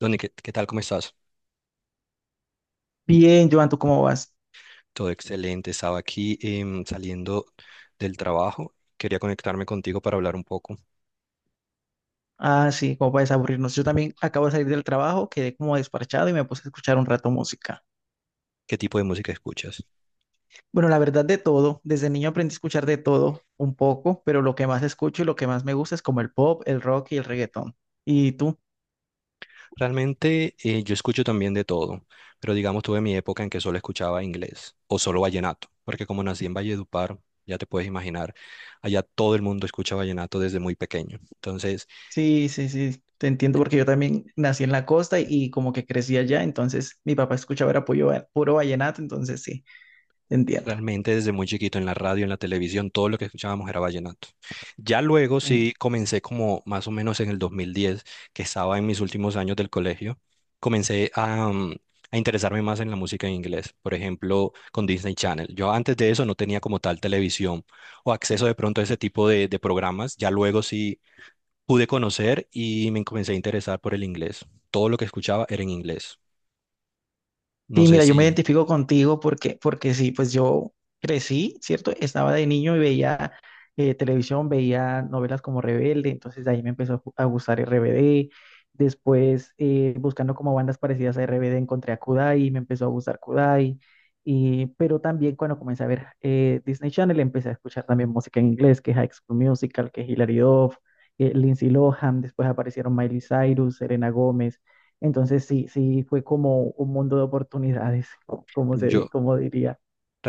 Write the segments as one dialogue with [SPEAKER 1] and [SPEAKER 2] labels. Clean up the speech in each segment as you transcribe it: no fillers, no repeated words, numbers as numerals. [SPEAKER 1] Donny, ¿qué tal? ¿Cómo estás?
[SPEAKER 2] Bien, Joan, ¿tú cómo vas?
[SPEAKER 1] Todo excelente. Estaba aquí saliendo del trabajo. Quería conectarme contigo para hablar un poco.
[SPEAKER 2] Ah, sí, cómo puedes aburrirnos. Yo también acabo de salir del trabajo, quedé como desparchado y me puse a escuchar un rato música.
[SPEAKER 1] ¿Qué tipo de música escuchas?
[SPEAKER 2] Bueno, la verdad de todo, desde niño aprendí a escuchar de todo un poco, pero lo que más escucho y lo que más me gusta es como el pop, el rock y el reggaetón. ¿Y tú?
[SPEAKER 1] Realmente yo escucho también de todo, pero digamos tuve mi época en que solo escuchaba inglés o solo vallenato, porque como nací en Valledupar, ya te puedes imaginar, allá todo el mundo escucha vallenato desde muy pequeño. Entonces,
[SPEAKER 2] Sí, sí, sí, te entiendo porque yo también nací en la costa y como que crecí allá, entonces mi papá escuchaba era puro, puro vallenato, entonces sí, te entiendo.
[SPEAKER 1] realmente desde muy chiquito en la radio, en la televisión, todo lo que escuchábamos era vallenato. Ya luego
[SPEAKER 2] Sí.
[SPEAKER 1] sí comencé como más o menos en el 2010, que estaba en mis últimos años del colegio, comencé a interesarme más en la música en inglés, por ejemplo, con Disney Channel. Yo antes de eso no tenía como tal televisión o acceso de pronto a ese tipo de programas. Ya luego sí pude conocer y me comencé a interesar por el inglés. Todo lo que escuchaba era en inglés. No
[SPEAKER 2] Sí,
[SPEAKER 1] sé
[SPEAKER 2] mira, yo
[SPEAKER 1] si...
[SPEAKER 2] me identifico contigo porque sí, pues yo crecí, ¿cierto? Estaba de niño y veía televisión, veía novelas como Rebelde, entonces de ahí me empezó a a gustar RBD. Después, buscando como bandas parecidas a RBD, encontré a Kudai, me empezó a gustar Kudai. Y, pero también cuando comencé a ver Disney Channel, empecé a escuchar también música en inglés, que High School Musical, que Hilary Duff, Lindsay Lohan, después aparecieron Miley Cyrus, Serena Gómez. Entonces sí, sí fue como un mundo de oportunidades, como se,
[SPEAKER 1] Yo,
[SPEAKER 2] como diría,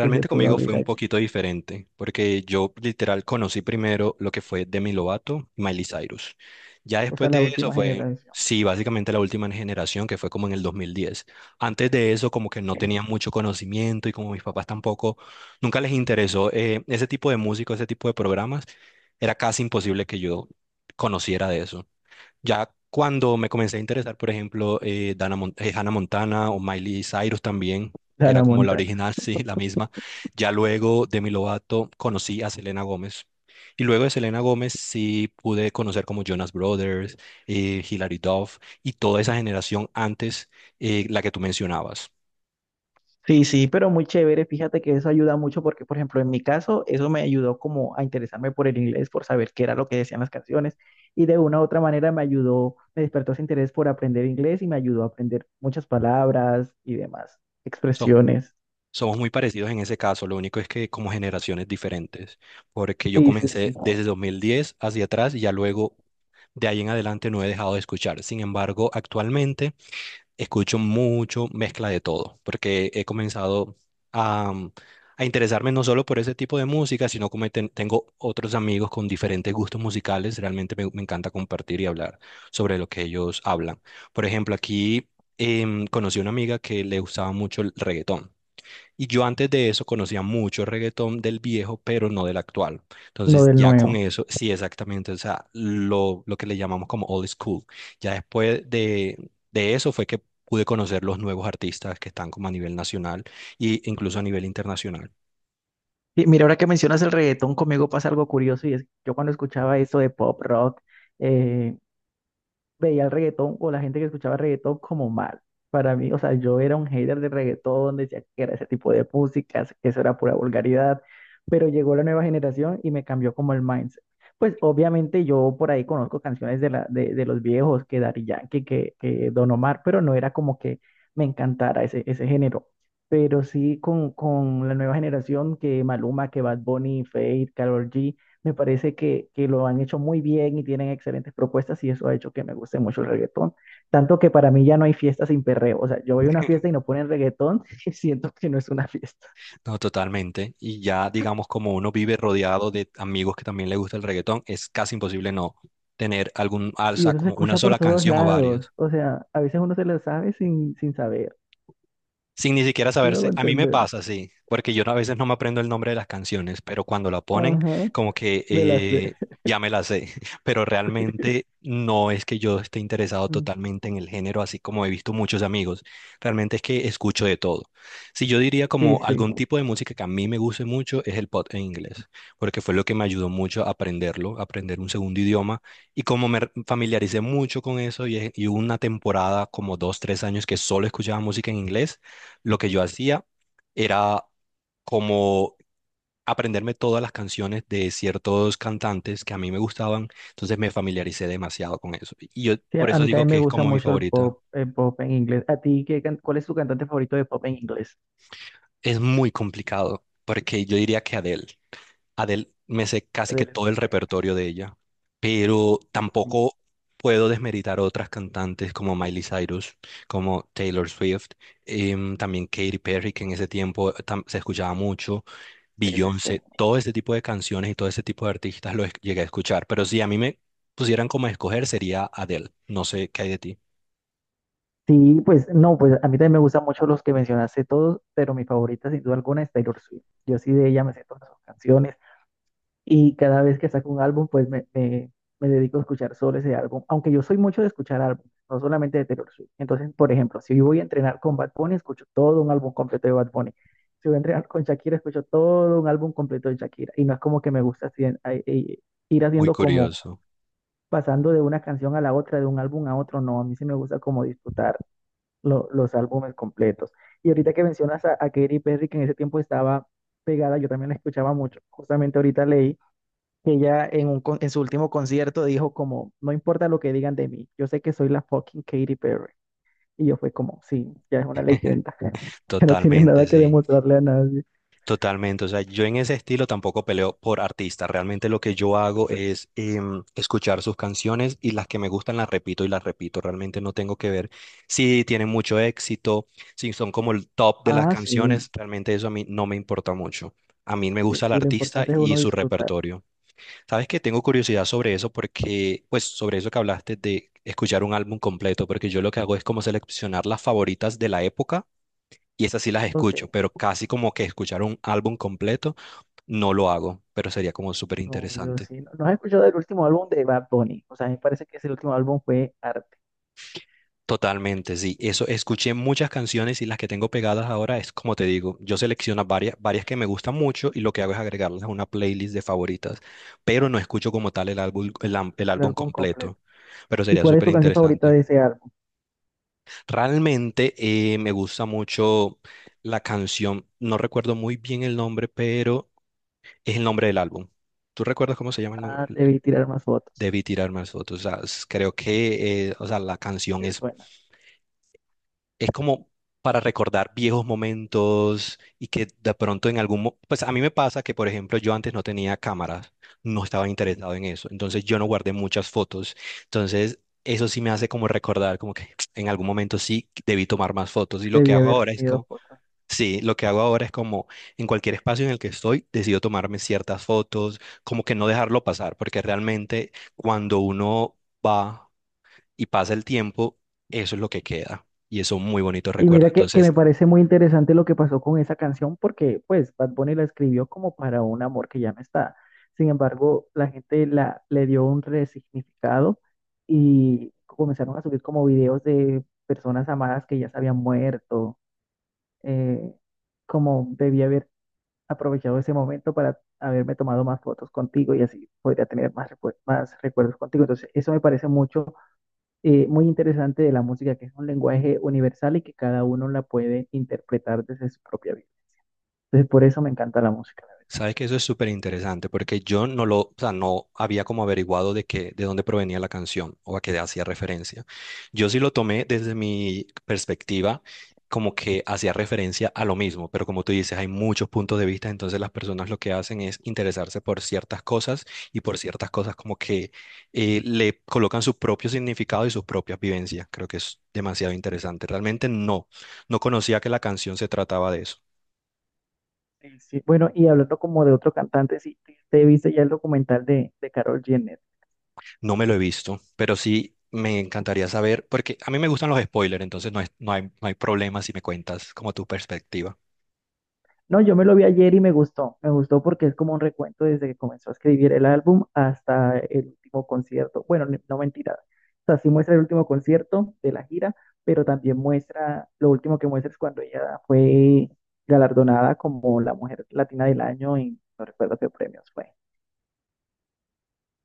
[SPEAKER 2] que se pudo
[SPEAKER 1] conmigo fue
[SPEAKER 2] abrir
[SPEAKER 1] un
[SPEAKER 2] allí.
[SPEAKER 1] poquito diferente, porque yo literal conocí primero lo que fue Demi Lovato y Miley Cyrus. Ya
[SPEAKER 2] O
[SPEAKER 1] después
[SPEAKER 2] sea, la
[SPEAKER 1] de eso
[SPEAKER 2] última
[SPEAKER 1] fue,
[SPEAKER 2] generación
[SPEAKER 1] sí, básicamente la última generación, que fue como en el 2010. Antes de eso como que no tenía mucho conocimiento y como mis papás tampoco, nunca les interesó ese tipo de música, ese tipo de programas, era casi imposible que yo conociera de eso. Ya cuando me comencé a interesar, por ejemplo, Hannah Montana o Miley Cyrus también,
[SPEAKER 2] de
[SPEAKER 1] que era
[SPEAKER 2] Ana
[SPEAKER 1] como la
[SPEAKER 2] Montana.
[SPEAKER 1] original, sí, la misma. Ya luego de mi Lovato conocí a Selena Gómez. Y luego de Selena Gómez sí pude conocer como Jonas Brothers, Hilary Duff y toda esa generación antes, la que tú mencionabas.
[SPEAKER 2] Sí, sí, pero muy chévere. Fíjate que eso ayuda mucho porque, por ejemplo, en mi caso, eso me ayudó como a interesarme por el inglés, por saber qué era lo que decían las canciones. Y de una u otra manera me ayudó, me despertó ese interés por aprender inglés y me ayudó a aprender muchas palabras y demás,
[SPEAKER 1] Som-
[SPEAKER 2] expresiones.
[SPEAKER 1] Somos muy parecidos en ese caso, lo único es que como generaciones diferentes, porque yo
[SPEAKER 2] Sí, sí,
[SPEAKER 1] comencé
[SPEAKER 2] sí,
[SPEAKER 1] desde 2010 hacia atrás y ya luego de ahí en adelante no he dejado de escuchar. Sin embargo, actualmente escucho mucho mezcla de todo, porque he comenzado a, a interesarme no solo por ese tipo de música, sino como tengo otros amigos con diferentes gustos musicales. Realmente me encanta compartir y hablar sobre lo que ellos hablan. Por ejemplo, aquí conocí a una amiga que le gustaba mucho el reggaetón. Y yo antes de eso conocía mucho reggaetón del viejo, pero no del actual.
[SPEAKER 2] lo
[SPEAKER 1] Entonces
[SPEAKER 2] del
[SPEAKER 1] ya con
[SPEAKER 2] nuevo.
[SPEAKER 1] eso, sí, exactamente, o sea, lo que le llamamos como old school. Ya después de eso fue que pude conocer los nuevos artistas que están como a nivel nacional e incluso a nivel internacional.
[SPEAKER 2] Y mira, ahora que mencionas el reggaetón, conmigo pasa algo curioso y es que yo cuando escuchaba eso de pop rock, eh, veía el reggaetón o la gente que escuchaba reggaetón como mal. Para mí, o sea, yo era un hater de reggaetón, decía que era ese tipo de músicas, que eso era pura vulgaridad, pero llegó la nueva generación y me cambió como el mindset. Pues obviamente yo por ahí conozco canciones de, la, de los viejos, que Daddy Yankee, que Don Omar, pero no era como que me encantara ese, ese género. Pero sí con la nueva generación, que Maluma, que Bad Bunny, Feid, Karol G, me parece que lo han hecho muy bien y tienen excelentes propuestas y eso ha hecho que me guste mucho el reggaetón. Tanto que para mí ya no hay fiesta sin perreo. O sea, yo voy a una fiesta y no ponen reggaetón y siento que no es una fiesta.
[SPEAKER 1] No, totalmente. Y ya digamos como uno vive rodeado de amigos que también le gusta el reggaetón, es casi imposible no tener algún
[SPEAKER 2] Y
[SPEAKER 1] alza
[SPEAKER 2] eso se
[SPEAKER 1] como una
[SPEAKER 2] escucha por
[SPEAKER 1] sola
[SPEAKER 2] todos
[SPEAKER 1] canción o varias.
[SPEAKER 2] lados. O sea, a veces uno se lo sabe sin, sin saber.
[SPEAKER 1] Sin ni siquiera
[SPEAKER 2] Sí me hago
[SPEAKER 1] saberse. A mí me
[SPEAKER 2] entender.
[SPEAKER 1] pasa, sí, porque yo no- a veces no me aprendo el nombre de las canciones, pero cuando la ponen,
[SPEAKER 2] Ajá,
[SPEAKER 1] como que
[SPEAKER 2] me la sé.
[SPEAKER 1] ya me la sé, pero realmente no es que yo esté interesado
[SPEAKER 2] Mm.
[SPEAKER 1] totalmente en el género, así como he visto muchos amigos. Realmente es que escucho de todo. Si yo diría
[SPEAKER 2] Sí,
[SPEAKER 1] como
[SPEAKER 2] sí.
[SPEAKER 1] algún tipo de música que a mí me guste mucho es el pop en inglés, porque fue lo que me ayudó mucho a aprenderlo, a aprender un segundo idioma. Y como me familiaricé mucho con eso y hubo una temporada como dos, tres años que solo escuchaba música en inglés, lo que yo hacía era como aprenderme todas las canciones de ciertos cantantes que a mí me gustaban, entonces me familiaricé demasiado con eso. Y yo
[SPEAKER 2] Sí,
[SPEAKER 1] por
[SPEAKER 2] a
[SPEAKER 1] eso
[SPEAKER 2] mí
[SPEAKER 1] digo
[SPEAKER 2] también
[SPEAKER 1] que
[SPEAKER 2] me
[SPEAKER 1] es
[SPEAKER 2] gusta
[SPEAKER 1] como mi
[SPEAKER 2] mucho
[SPEAKER 1] favorito.
[SPEAKER 2] el pop en inglés. ¿A ti qué, cuál es tu cantante favorito de pop en inglés?
[SPEAKER 1] Es muy complicado, porque yo diría que Adele. Adele me sé casi que
[SPEAKER 2] Adele es
[SPEAKER 1] todo
[SPEAKER 2] muy
[SPEAKER 1] el
[SPEAKER 2] buena.
[SPEAKER 1] repertorio de ella, pero
[SPEAKER 2] Sí, sí.
[SPEAKER 1] tampoco puedo desmeritar otras cantantes como Miley Cyrus, como Taylor Swift, también Katy Perry, que en ese tiempo se escuchaba mucho.
[SPEAKER 2] Sí, sí, sí.
[SPEAKER 1] Beyoncé, todo este tipo de canciones y todo este tipo de artistas llegué a escuchar, pero si a mí me pusieran como a escoger sería Adele. No sé qué hay de ti.
[SPEAKER 2] Sí, pues no, pues a mí también me gustan mucho los que mencionaste todos, pero mi favorita sin duda alguna es Taylor Swift. Yo sí de ella me sé todas sus canciones y cada vez que saco un álbum, pues me, me dedico a escuchar solo ese álbum, aunque yo soy mucho de escuchar álbumes, no solamente de Taylor Swift. Entonces, por ejemplo, si yo voy a entrenar con Bad Bunny, escucho todo un álbum completo de Bad Bunny. Si voy a entrenar con Shakira, escucho todo un álbum completo de Shakira. Y no es como que me gusta así, ir
[SPEAKER 1] Muy
[SPEAKER 2] haciendo como
[SPEAKER 1] curioso.
[SPEAKER 2] pasando de una canción a la otra, de un álbum a otro, no, a mí sí me gusta como disfrutar los álbumes completos. Y ahorita que mencionas a Katy Perry, que en ese tiempo estaba pegada, yo también la escuchaba mucho. Justamente ahorita leí que ella en, un, en su último concierto dijo como, no importa lo que digan de mí, yo sé que soy la fucking Katy Perry. Y yo fue como, sí, ya es una leyenda, que no tiene nada
[SPEAKER 1] Totalmente,
[SPEAKER 2] que
[SPEAKER 1] sí.
[SPEAKER 2] demostrarle a nadie.
[SPEAKER 1] Totalmente. O sea, yo en ese estilo tampoco peleo por artistas. Realmente lo que yo hago es escuchar sus canciones y las que me gustan las repito y las repito. Realmente no tengo que ver si tienen mucho éxito, si son como el top de las
[SPEAKER 2] Ah, sí,
[SPEAKER 1] canciones. Realmente eso a mí no me importa mucho. A mí me
[SPEAKER 2] sí,
[SPEAKER 1] gusta el
[SPEAKER 2] sí, lo
[SPEAKER 1] artista
[SPEAKER 2] importante es
[SPEAKER 1] y
[SPEAKER 2] uno
[SPEAKER 1] su
[SPEAKER 2] disfrutar.
[SPEAKER 1] repertorio. Sabes que tengo curiosidad sobre eso porque, pues, sobre eso que hablaste de escuchar un álbum completo, porque yo lo que hago es como seleccionar las favoritas de la época y esas sí las
[SPEAKER 2] Ok,
[SPEAKER 1] escucho, pero casi como que escuchar un álbum completo no lo hago, pero sería como súper
[SPEAKER 2] no, yo
[SPEAKER 1] interesante.
[SPEAKER 2] sí. ¿No, no has escuchado el último álbum de Bad Bunny? O sea, me parece que ese último álbum fue arte,
[SPEAKER 1] Totalmente, sí. Eso, escuché muchas canciones y las que tengo pegadas ahora es como te digo, yo selecciono varias, varias que me gustan mucho y lo que hago es agregarlas a una playlist de favoritas, pero no escucho como tal el álbum, el
[SPEAKER 2] el
[SPEAKER 1] álbum
[SPEAKER 2] álbum completo.
[SPEAKER 1] completo, pero
[SPEAKER 2] ¿Y
[SPEAKER 1] sería
[SPEAKER 2] cuál es
[SPEAKER 1] súper
[SPEAKER 2] tu canción favorita
[SPEAKER 1] interesante.
[SPEAKER 2] de ese álbum?
[SPEAKER 1] Realmente me gusta mucho la canción, no recuerdo muy bien el nombre, pero es el nombre del álbum. ¿Tú recuerdas cómo se llama el nombre?
[SPEAKER 2] Ah, debí tirar más fotos.
[SPEAKER 1] Debí tirar más fotos. O sea, creo que o sea, la canción
[SPEAKER 2] Es buena.
[SPEAKER 1] es como para recordar viejos momentos y que de pronto en algún... Pues a mí me pasa que, por ejemplo, yo antes no tenía cámaras, no estaba interesado en eso, entonces yo no guardé muchas fotos, entonces eso sí me hace como recordar, como que en algún momento sí debí tomar más fotos y lo que
[SPEAKER 2] Debí
[SPEAKER 1] hago
[SPEAKER 2] haber
[SPEAKER 1] ahora es
[SPEAKER 2] tenido
[SPEAKER 1] como...
[SPEAKER 2] fotos.
[SPEAKER 1] Sí, lo que hago ahora es como en cualquier espacio en el que estoy, decido tomarme ciertas fotos, como que no dejarlo pasar, porque realmente cuando uno va y pasa el tiempo, eso es lo que queda y eso es muy bonito
[SPEAKER 2] Y
[SPEAKER 1] recuerdo.
[SPEAKER 2] mira que
[SPEAKER 1] Entonces,
[SPEAKER 2] me parece muy interesante lo que pasó con esa canción porque pues Bad Bunny la escribió como para un amor que ya no está. Sin embargo, la gente la, le dio un resignificado y comenzaron a subir como videos de personas amadas que ya se habían muerto. eh, como debí haber aprovechado ese momento para haberme tomado más fotos contigo y así podría tener más, más recuerdos contigo. Entonces, eso me parece mucho muy interesante de la música, que es un lenguaje universal y que cada uno la puede interpretar desde su propia vida. Entonces, por eso me encanta la música, la verdad.
[SPEAKER 1] sabe que eso es súper interesante porque yo no lo, o sea, no había como averiguado de qué, de dónde provenía la canción o a qué hacía referencia. Yo sí lo tomé desde mi perspectiva como que hacía referencia a lo mismo, pero como tú dices, hay muchos puntos de vista, entonces las personas lo que hacen es interesarse por ciertas cosas y por ciertas cosas como que le colocan su propio significado y sus propias vivencias. Creo que es demasiado interesante. Realmente no conocía que la canción se trataba de eso.
[SPEAKER 2] Sí, bueno, y hablando como de otro cantante, sí, te viste ya el documental de Karol jenner.
[SPEAKER 1] No me lo he visto, pero sí me encantaría saber, porque a mí me gustan los spoilers, entonces no, no hay problema si me cuentas como tu perspectiva.
[SPEAKER 2] No, yo me lo vi ayer y me gustó. Me gustó porque es como un recuento desde que comenzó a escribir el álbum hasta el último concierto. Bueno, no mentira. O sea, sí muestra el último concierto de la gira, pero también muestra, lo último que muestra es cuando ella fue galardonada como la mujer latina del año y no recuerdo qué premios fue.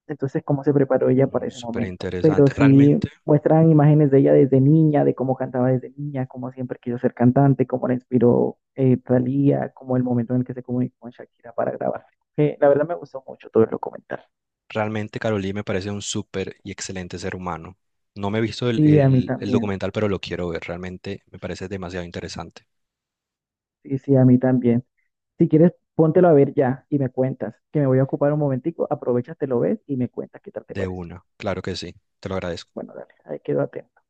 [SPEAKER 2] Entonces, cómo se preparó ella para
[SPEAKER 1] Mm,
[SPEAKER 2] ese
[SPEAKER 1] súper
[SPEAKER 2] momento. Pero
[SPEAKER 1] interesante.
[SPEAKER 2] sí muestran imágenes de ella desde niña, de cómo cantaba desde niña, cómo siempre quiso ser cantante, cómo la inspiró Thalía, como el momento en el que se comunicó con Shakira para grabar. La verdad me gustó mucho todo el documental.
[SPEAKER 1] Realmente Carolina me parece un súper y excelente ser humano. No me he visto
[SPEAKER 2] Sí, a mí
[SPEAKER 1] el
[SPEAKER 2] también.
[SPEAKER 1] documental, pero lo quiero ver. Realmente me parece demasiado interesante.
[SPEAKER 2] Sí, sí, a mí también. Si quieres, póntelo a ver ya y me cuentas, que me voy a ocupar un momentico, aprovechas, te lo ves y me cuentas qué tal te
[SPEAKER 1] De
[SPEAKER 2] pareció.
[SPEAKER 1] una, claro que sí. Te lo agradezco.
[SPEAKER 2] Bueno, dale, ahí quedo atento.